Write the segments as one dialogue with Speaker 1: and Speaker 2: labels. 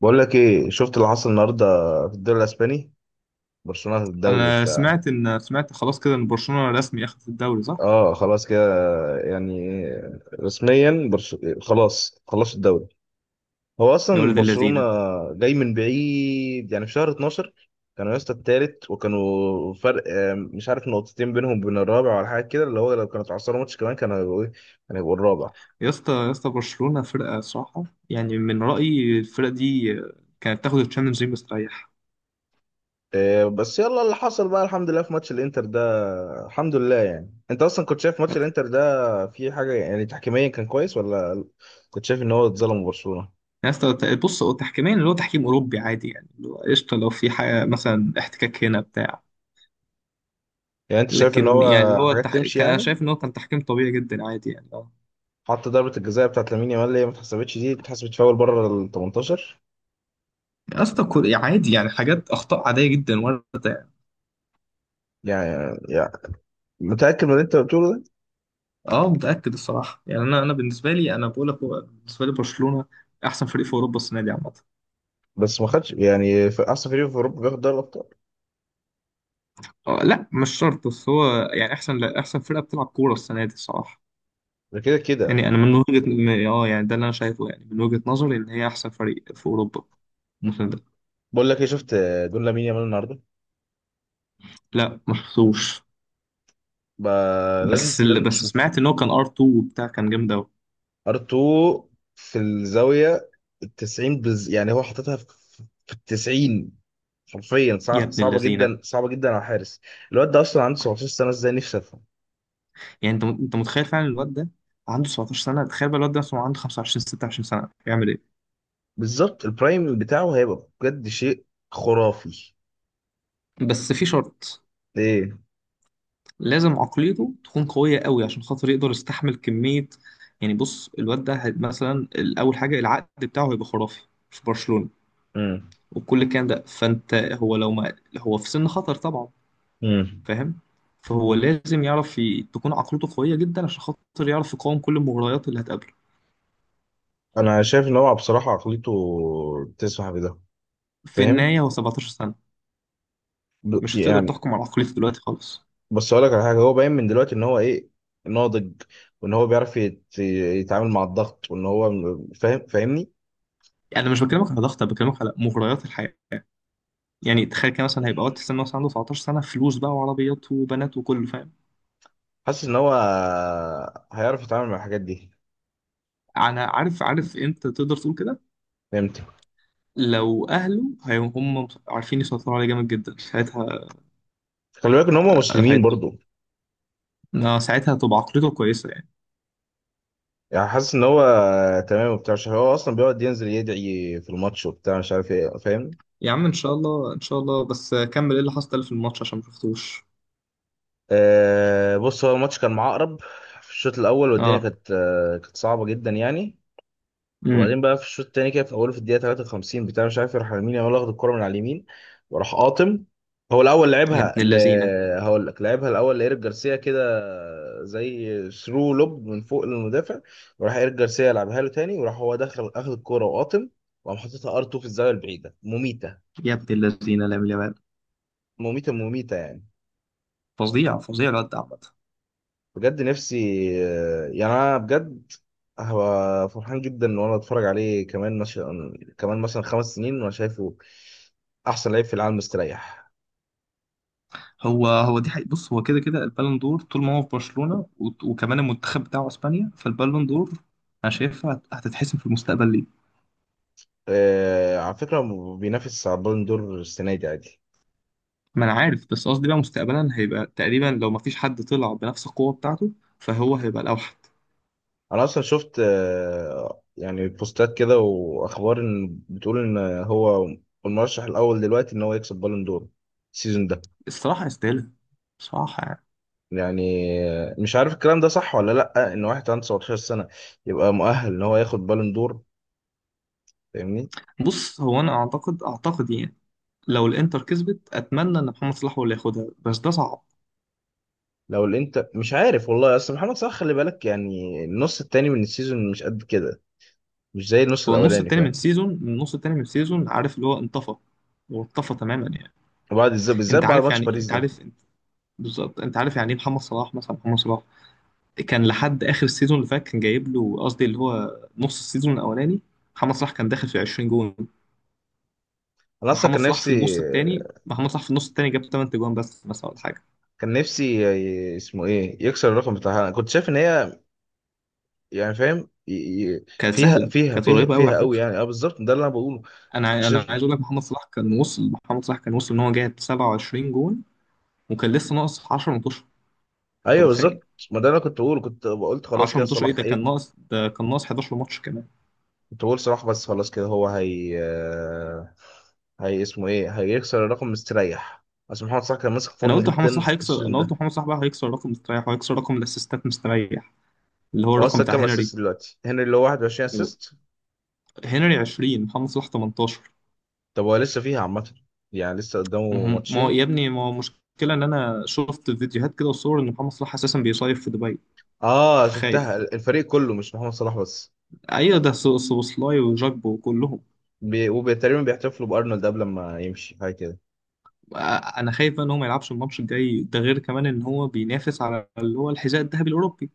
Speaker 1: بقول لك ايه؟ شفت اللي حصل النهارده في الدوري الاسباني؟ برشلونه في الدوري
Speaker 2: انا
Speaker 1: وبتاع.
Speaker 2: سمعت ان سمعت خلاص كده ان برشلونه رسمي اخذت الدوري، صح؟
Speaker 1: اه، خلاص كده يعني، رسميا خلاص الدوري. هو
Speaker 2: يا
Speaker 1: اصلا
Speaker 2: ولاد
Speaker 1: برشلونه
Speaker 2: اللذينه.
Speaker 1: جاي من بعيد، يعني في شهر 12 كانوا يا اسطى التالت، وكانوا فرق مش عارف نقطتين بينهم وبين الرابع ولا حاجه كده، اللي هو لو كانوا اتعثروا ماتش كمان كانوا هيبقوا ايه، كانوا هيبقوا الرابع.
Speaker 2: يا اسطى، يا اسطى، برشلونه فرقه صراحه. يعني من رايي، الفرقه دي كانت تاخد الشامبيونز ليج مستريح.
Speaker 1: إيه، بس يلا، اللي حصل بقى الحمد لله في ماتش الانتر ده. الحمد لله، يعني انت اصلا كنت شايف ماتش الانتر ده، في حاجه يعني تحكيميا كان كويس، ولا كنت شايف ان هو اتظلم برشلونه؟
Speaker 2: يا اسطى، بص، هو تحكيميا، اللي هو تحكيم اوروبي عادي، يعني اللي هو قشطه، لو في حاجه مثلا احتكاك هنا بتاع.
Speaker 1: يعني انت شايف ان
Speaker 2: لكن
Speaker 1: هو
Speaker 2: يعني
Speaker 1: حاجات تمشي
Speaker 2: كان انا
Speaker 1: يعني.
Speaker 2: شايف ان هو كان تحكيم طبيعي جدا عادي يعني اه
Speaker 1: حتى ضربه الجزاء بتاعت لامين يامال اللي هي ما اتحسبتش، دي اتحسبت فاول بره ال 18.
Speaker 2: يا اسطى، عادي، يعني حاجات، اخطاء عاديه جدا وارده.
Speaker 1: يعني متاكد من اللي انت بتقوله ده؟
Speaker 2: اه، متأكد الصراحة، يعني انا بالنسبة لي، انا بقول لك، هو بالنسبة لي، برشلونة احسن فريق في اوروبا السنة دي عامة.
Speaker 1: بس ما خدش، يعني في احسن فريق في اوروبا بياخد دوري الابطال؟
Speaker 2: آه، لا، مش شرط، بس هو يعني احسن، لا احسن فرقة بتلعب كورة السنة دي الصراحة.
Speaker 1: ده كده
Speaker 2: يعني
Speaker 1: كده.
Speaker 2: انا من وجهة م- اه يعني ده اللي انا شايفه، يعني من وجهة نظري ان هي احسن فريق في اوروبا الموسم ده.
Speaker 1: بقول لك ايه؟ شفت جون لامين يامال النهارده؟
Speaker 2: لا، ما شفتوش.
Speaker 1: بقى لازم لازم.
Speaker 2: بس سمعت ان هو كان ار 2 وبتاع، كان جامد قوي.
Speaker 1: ار2 في الزاويه التسعين يعني هو حاططها في التسعين. حرفيا،
Speaker 2: يا ابن
Speaker 1: صعبه
Speaker 2: اللذينة.
Speaker 1: جدا صعبه جدا على الحارس. الواد ده اصلا عنده 17 سنه، ازاي؟ نفسي افهم.
Speaker 2: يعني انت متخيل، فعلا الواد ده عنده 17 سنة، تخيل بقى الواد ده مثلا عنده 25 26 سنة يعمل ايه؟
Speaker 1: بالظبط، البرايم بتاعه هيبقى بجد شيء خرافي.
Speaker 2: بس في شرط،
Speaker 1: ايه.
Speaker 2: لازم عقليته تكون قوية قوي عشان خاطر يقدر يستحمل كمية. يعني بص، الواد ده مثلا، أول حاجة العقد بتاعه هيبقى خرافي في برشلونة،
Speaker 1: امم.
Speaker 2: وكل الكلام ده، فأنت هو لو ما هو في سن خطر طبعا،
Speaker 1: امم.
Speaker 2: فاهم. فهو لازم تكون عقليته قوية جدا عشان خاطر يعرف يقاوم كل المغريات اللي هتقابله.
Speaker 1: انا شايف ان هو بصراحه عقليته تسمح بده.
Speaker 2: في
Speaker 1: فاهم.
Speaker 2: النهاية هو 17 سنة، مش هتقدر
Speaker 1: يعني.
Speaker 2: تحكم على عقليته دلوقتي خالص.
Speaker 1: بس اقول لك على حاجه، هو باين من دلوقتي ان هو ايه، ناضج. وان هو بيعرف يتعامل مع الضغط، وان هو فاهم، فاهمني؟
Speaker 2: أنا مش بكلمك على ضغط، أنا بكلمك على مغريات الحياة. يعني تخيل كده، مثلا هيبقى وقت السن مثلا عنده 19 سنة، فلوس بقى وعربيات وبنات وكله، فاهم.
Speaker 1: حاسس ان هو هيعرف يتعامل مع الحاجات دي.
Speaker 2: انا عارف امتى تقدر تقول كده.
Speaker 1: فهمت.
Speaker 2: لو اهله هم عارفين يسيطروا عليه جامد جدا، ساعتها
Speaker 1: خلي بالك ان هم مسلمين
Speaker 2: هيطب.
Speaker 1: برضو.
Speaker 2: آه، ساعتها هتبقى عقليته كويسه يعني.
Speaker 1: يعني حاسس ان هو تمام وبتاع، عشان هو اصلا بيقعد ينزل يدعي في الماتش وبتاع، مش عارف ايه، فاهم؟
Speaker 2: يا عم، ان شاء الله، ان شاء الله، بس كمل ايه اللي حصل في الماتش عشان ما شفتوش.
Speaker 1: آه، بص، هو الماتش كان معقرب في الشوط الاول، والدنيا
Speaker 2: اه.
Speaker 1: كانت كانت صعبه جدا يعني.
Speaker 2: امم.
Speaker 1: وبعدين بقى في الشوط التاني كده، في اوله، في الدقيقه 53 بتاع مش عارف، يروح لمين يامال واخد الكره من على اليمين. وراح قاطم. هو الاول
Speaker 2: يا
Speaker 1: لعبها
Speaker 2: ابن اللذينه،
Speaker 1: هقول لك، لعبها الاول لايريك جارسيا كده، زي ثرو لوب من فوق للمدافع. وراح ايريك جارسيا لعبها له تاني، وراح هو دخل اخد الكره وقاطم. وقام حاططها ار 2 في الزاويه البعيده، مميته،
Speaker 2: يا ابن اللذينه، لامين يامال،
Speaker 1: مميته، مميته يعني
Speaker 2: فظيع، فظيع الواد ده عامه.
Speaker 1: بجد. نفسي، يعني انا بجد هبقى فرحان جدا ان انا اتفرج عليه كمان مثلا، كمان مثلا 5 سنين وانا شايفه احسن لعيب في العالم مستريح.
Speaker 2: هو هو دي حقيقة، بص هو كده كده البالون دور طول ما هو في برشلونه، وكمان المنتخب بتاعه اسبانيا، فالبالون دور انا هتتحسم في المستقبل ليه.
Speaker 1: آه، على فكره، بينافس على البالون دور السنه دي عادي.
Speaker 2: ما انا عارف، بس قصدي بقى مستقبلا هيبقى تقريبا، لو ما فيش حد طلع بنفس القوه بتاعته، فهو هيبقى الاوحد.
Speaker 1: انا اصلا شفت يعني بوستات كده واخبار، ان بتقول ان هو المرشح الاول دلوقتي ان هو يكسب بالون دور السيزون ده.
Speaker 2: الصراحه يستاهلها، بصراحه يعني.
Speaker 1: يعني مش عارف الكلام ده صح ولا لا، ان واحد عنده 19 سنه يبقى مؤهل ان هو ياخد بالون دور. فاهمني؟
Speaker 2: بص، هو انا اعتقد يعني، لو الانتر كسبت، اتمنى ان محمد صلاح هو اللي ياخدها، بس ده صعب.
Speaker 1: لو الانتر، مش عارف والله. اصل محمد صلاح، خلي بالك، يعني النص التاني من السيزون مش قد كده، مش زي النص
Speaker 2: هو النص
Speaker 1: الاولاني،
Speaker 2: التاني من
Speaker 1: فاهم؟
Speaker 2: السيزون من النص التاني من السيزون، عارف اللي هو انطفى، هو انطفى تماما يعني.
Speaker 1: وبعد، بالذات بالذات،
Speaker 2: انت
Speaker 1: بعد
Speaker 2: عارف
Speaker 1: ماتش
Speaker 2: يعني،
Speaker 1: باريس
Speaker 2: انت
Speaker 1: ده.
Speaker 2: عارف بالظبط، انت عارف يعني ايه محمد صلاح، محمد صلاح كان لحد اخر السيزون اللي فات، كان جايب له، قصدي اللي هو نص السيزون الاولاني، محمد صلاح كان داخل في 20 جون.
Speaker 1: انا اصلا
Speaker 2: محمد
Speaker 1: كان
Speaker 2: صلاح في
Speaker 1: نفسي
Speaker 2: النص التاني، جاب 8 تجوان بس مثلا ولا حاجه.
Speaker 1: كان نفسي اسمه ايه، يكسر الرقم بتاعها. انا كنت شايف ان هي، يعني فاهم، فيها فيها
Speaker 2: كانت
Speaker 1: فيها
Speaker 2: قريبه قوي
Speaker 1: فيها
Speaker 2: على
Speaker 1: قوي
Speaker 2: فكره.
Speaker 1: يعني. اه بالظبط، ده اللي انا بقوله.
Speaker 2: انا
Speaker 1: كنت شايف.
Speaker 2: عايز اقول لك، محمد صلاح كان وصل، ان هو جاب 27 جون، وكان لسه ناقص 10 ماتشات، انت
Speaker 1: ايوه
Speaker 2: متخيل؟
Speaker 1: بالظبط، ما ده اللي انا كنت بقوله. كنت قلت خلاص
Speaker 2: 10
Speaker 1: كده،
Speaker 2: ماتشات ايه،
Speaker 1: صلاح ايه.
Speaker 2: ده كان ناقص 11 ماتش كمان.
Speaker 1: كنت بقول صلاح، بس خلاص كده، هو هي هي اسمه ايه، هيكسر الرقم مستريح. اصل محمد صلاح كان ماسك فورم جدا السيزون
Speaker 2: انا قلت
Speaker 1: ده.
Speaker 2: محمد صلاح بقى هيكسر رقم مستريح، وهيكسر رقم الاسيستات مستريح، اللي هو
Speaker 1: هو
Speaker 2: الرقم
Speaker 1: اصلا
Speaker 2: بتاع
Speaker 1: كام
Speaker 2: هنري.
Speaker 1: اسيست دلوقتي؟ هنري اللي هو 21 اسيست؟
Speaker 2: هنري 20، محمد صلاح 18.
Speaker 1: طب هو لسه فيها عامه، يعني لسه
Speaker 2: ما
Speaker 1: قدامه
Speaker 2: هو ما هو
Speaker 1: ماتشين.
Speaker 2: يا ابني، ما هو مشكله ان انا شفت فيديوهات كده وصور ان محمد صلاح اساسا بيصيف في دبي.
Speaker 1: اه، شفتها.
Speaker 2: خايف.
Speaker 1: الفريق كله مش محمد صلاح بس.
Speaker 2: ايوه، ده سوبوسلاي وجاكبو وكلهم.
Speaker 1: وتقريبا بيحتفلوا بارنولد قبل ما يمشي، حاجه كده.
Speaker 2: آه، انا خايف بقى ان هو ما يلعبش الماتش الجاي ده، غير كمان ان هو بينافس على اللي هو الحذاء الذهبي الاوروبي.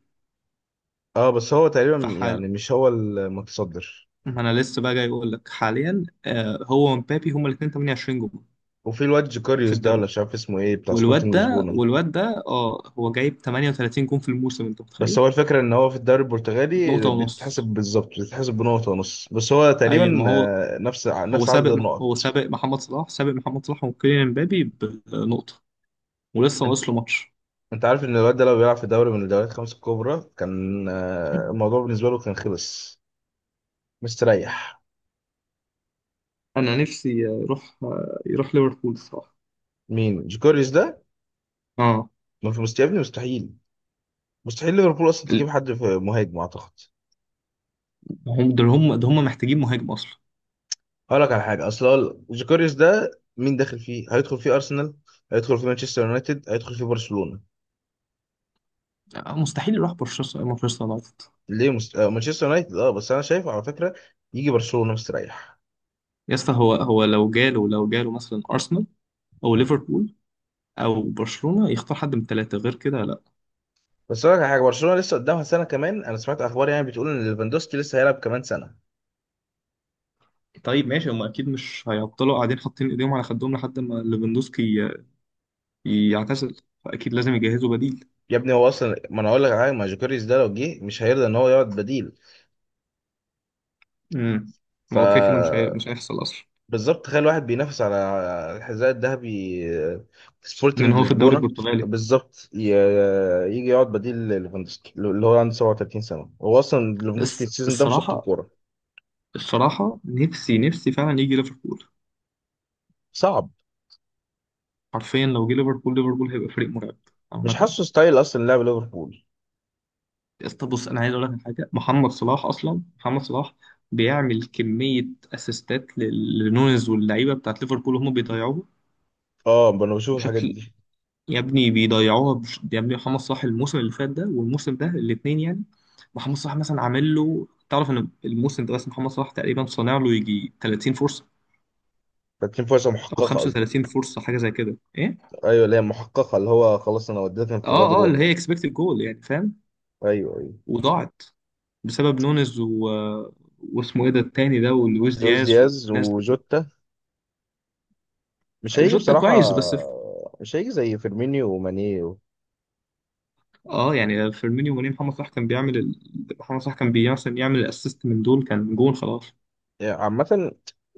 Speaker 1: اه، بس هو تقريبا
Speaker 2: فحال.
Speaker 1: يعني مش هو المتصدر.
Speaker 2: ما انا لسه بقى جاي اقول لك حاليا، هو ومبابي، هما الاثنين 28 جول
Speaker 1: وفي الواد
Speaker 2: في
Speaker 1: جوكاريوس ده،
Speaker 2: الدوري.
Speaker 1: ولا مش عارف اسمه ايه، بتاع سبورتنج لشبونه.
Speaker 2: والواد ده اه هو جايب 38 جول في الموسم، انت
Speaker 1: بس
Speaker 2: متخيل؟
Speaker 1: هو الفكرة، إن هو في الدوري
Speaker 2: نقطة
Speaker 1: البرتغالي بتتحسب،
Speaker 2: ونص.
Speaker 1: بالظبط بتتحسب بنقطة ونص، بس هو
Speaker 2: ايوه،
Speaker 1: تقريبا.
Speaker 2: ما هو
Speaker 1: آه، نفس نفس عدد النقط.
Speaker 2: سابق محمد صلاح وكيليان امبابي بنقطة، ولسه
Speaker 1: أنت
Speaker 2: ناقص له ماتش.
Speaker 1: أنت عارف إن الواد ده لو بيلعب في دوري من الدوريات الخمس الكبرى كان الموضوع بالنسبة له كان خلص. مستريح.
Speaker 2: انا نفسي يروح، ليفربول الصراحه.
Speaker 1: مين جوكوريس ده؟
Speaker 2: اه.
Speaker 1: ما في يا ابني، مستحيل. مستحيل ليفربول أصلا تجيب
Speaker 2: ال-
Speaker 1: حد في مهاجم أعتقد.
Speaker 2: هم دول هم ده هم محتاجين مهاجم اصلا.
Speaker 1: هقول لك على حاجة، أصل هو جوكوريس ده، مين داخل فيه؟ هيدخل فيه أرسنال، هيدخل فيه مانشستر يونايتد، هيدخل فيه برشلونة.
Speaker 2: آه، مستحيل يروح مانشستر مانشستر يونايتد.
Speaker 1: ليه مانشستر يونايتد؟ اه، بس انا شايف على فكره يجي برشلونه مستريح.
Speaker 2: يا اسطى، هو هو لو جاله مثلا ارسنال، او ليفربول، او برشلونه، يختار حد من الثلاثه، غير كده لا.
Speaker 1: بس اقول لك على حاجه، برشلونه لسه قدامها سنه كمان. انا سمعت اخبار يعني بتقول ان ليفاندوسكي لسه هيلعب كمان سنه.
Speaker 2: طيب ماشي، هم اكيد مش هيفضلوا قاعدين حاطين ايديهم على خدهم لحد ما ليفاندوسكي يعتزل، فاكيد لازم يجهزوا بديل.
Speaker 1: يا ابني هو اصلا، ما انا اقول لك على حاجه، ما جوكيريز ده لو جه مش هيرضى ان هو يقعد بديل.
Speaker 2: امم.
Speaker 1: ف.
Speaker 2: هو كده كده مش هيحصل اصلا،
Speaker 1: بالظبط، تخيل واحد بينافس على الحذاء الذهبي
Speaker 2: لان
Speaker 1: سبورتنج
Speaker 2: هو في الدوري
Speaker 1: لشبونه.
Speaker 2: البرتغالي.
Speaker 1: بالظبط، يجي يقعد بديل ليفاندوسكي اللي هو عنده 37 سنه؟ هو اصلا ليفاندوسكي
Speaker 2: الس-
Speaker 1: السيزون ده مشط
Speaker 2: الصراحه
Speaker 1: الكوره.
Speaker 2: نفسي فعلا يجي ليفربول.
Speaker 1: صعب.
Speaker 2: حرفيا لو جه ليفربول، هيبقى فريق مرعب
Speaker 1: مش
Speaker 2: عامة يعني.
Speaker 1: حاسه ستايل اصلا لعب ليفربول.
Speaker 2: يا اسطى بص، أنا عايز أقول لك على حاجة، محمد صلاح بيعمل كمية أسيستات لنونيز واللعيبة بتاعت ليفربول، وهم بيضيعوها
Speaker 1: اه، ما انا بشوف الحاجات
Speaker 2: بشكل،
Speaker 1: دي.
Speaker 2: يا ابني محمد صلاح الموسم اللي فات ده والموسم ده الاتنين يعني. محمد صلاح مثلا عامل له، تعرف إن الموسم ده بس محمد صلاح تقريبا صانع له يجي 30 فرصة
Speaker 1: تكليم، فرصه
Speaker 2: أو
Speaker 1: محققه
Speaker 2: 35
Speaker 1: قصدك؟
Speaker 2: فرصة، حاجة زي كده، إيه؟
Speaker 1: ايوه، اللي هي محققه، اللي هو خلاص انا وديتك انفراد،
Speaker 2: اه، اه،
Speaker 1: روح
Speaker 2: اللي
Speaker 1: بقى.
Speaker 2: هي اكسبكتد جول، يعني فاهم.
Speaker 1: ايوه، ايوه.
Speaker 2: وضاعت بسبب نونز و... واسمه ايه ده التاني ده، ولويس
Speaker 1: لويس
Speaker 2: دياز
Speaker 1: دياز
Speaker 2: والناس دي.
Speaker 1: وجوتا مش هيجي
Speaker 2: جوتا
Speaker 1: بصراحه.
Speaker 2: كويس بس في...
Speaker 1: مش هيجي زي فيرمينيو وماني
Speaker 2: اه يعني فيرمينيو وني، محمد صلاح كان بيعمل ال... محمد صلاح كان مثلا يعمل الاسيست من دول كان جون خلاص.
Speaker 1: يعني عامه.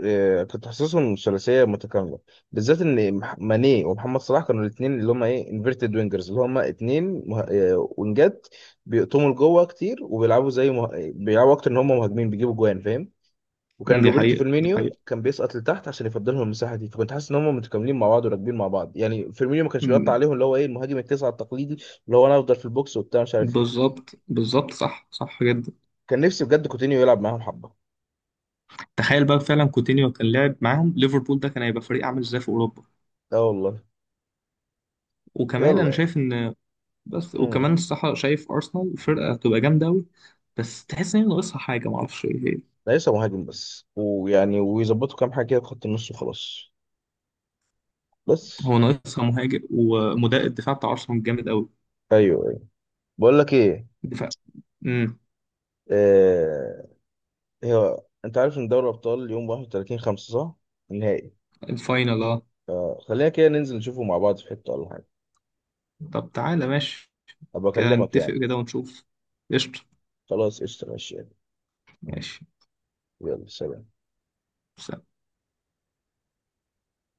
Speaker 1: آه، كنت حاسسهم ثلاثيه متكامله. بالذات ان ماني ومحمد صلاح كانوا الاثنين اللي هم ايه، انفيرتد وينجرز، اللي هم اثنين وينجات. بيقطموا لجوه كتير وبيلعبوا زي بيلعبوا اكتر ان هم مهاجمين، بيجيبوا جوان، فاهم. وكان
Speaker 2: دي
Speaker 1: روبرتو
Speaker 2: حقيقة، دي
Speaker 1: فيرمينيو
Speaker 2: حقيقة.
Speaker 1: كان بيسقط لتحت عشان يفضل لهم المساحه دي، فكنت حاسس ان هم متكاملين مع بعض وراكبين مع بعض. يعني فيرمينيو ما كانش بيقطع
Speaker 2: أمم.
Speaker 1: عليهم اللي هو ايه، المهاجم التسعه التقليدي. اللي هو انا افضل في البوكس وبتاع، مش عارف ايه.
Speaker 2: بالظبط، بالظبط، صح، صح جدا.
Speaker 1: كان نفسي بجد كوتينيو يلعب معاهم حبه.
Speaker 2: تخيل بقى فعلا كوتينيو كان لعب معاهم ليفربول ده، كان هيبقى فريق عامل ازاي في اوروبا.
Speaker 1: اه والله.
Speaker 2: وكمان انا
Speaker 1: يلا.
Speaker 2: شايف ان بس وكمان
Speaker 1: امم.
Speaker 2: الصراحه شايف ارسنال فرقه هتبقى جامده قوي، بس تحس ان هي ناقصها حاجه، معرفش ايه.
Speaker 1: ليس مهاجم بس، ويعني ويظبطوا كام حاجه كده في خط النص وخلاص. بس.
Speaker 2: هو ناقصها مهاجم ومدافع، الدفاع بتاع ارسنال جامد قوي.
Speaker 1: ايوه، ايوه. بقول لك ايه؟
Speaker 2: الدفاع. امم.
Speaker 1: آه... هي... انت عارف ان دوري الابطال يوم 31 5 صح؟ النهائي.
Speaker 2: الفاينل، اه.
Speaker 1: خلينا كده ننزل نشوفه مع بعض في حته ولا حاجه.
Speaker 2: طب تعالى ماشي،
Speaker 1: ابقى
Speaker 2: كده
Speaker 1: اكلمك
Speaker 2: نتفق
Speaker 1: يعني.
Speaker 2: كده ونشوف. قشطة،
Speaker 1: خلاص قشطة ماشي يعني.
Speaker 2: ماشي.
Speaker 1: يلا سلام.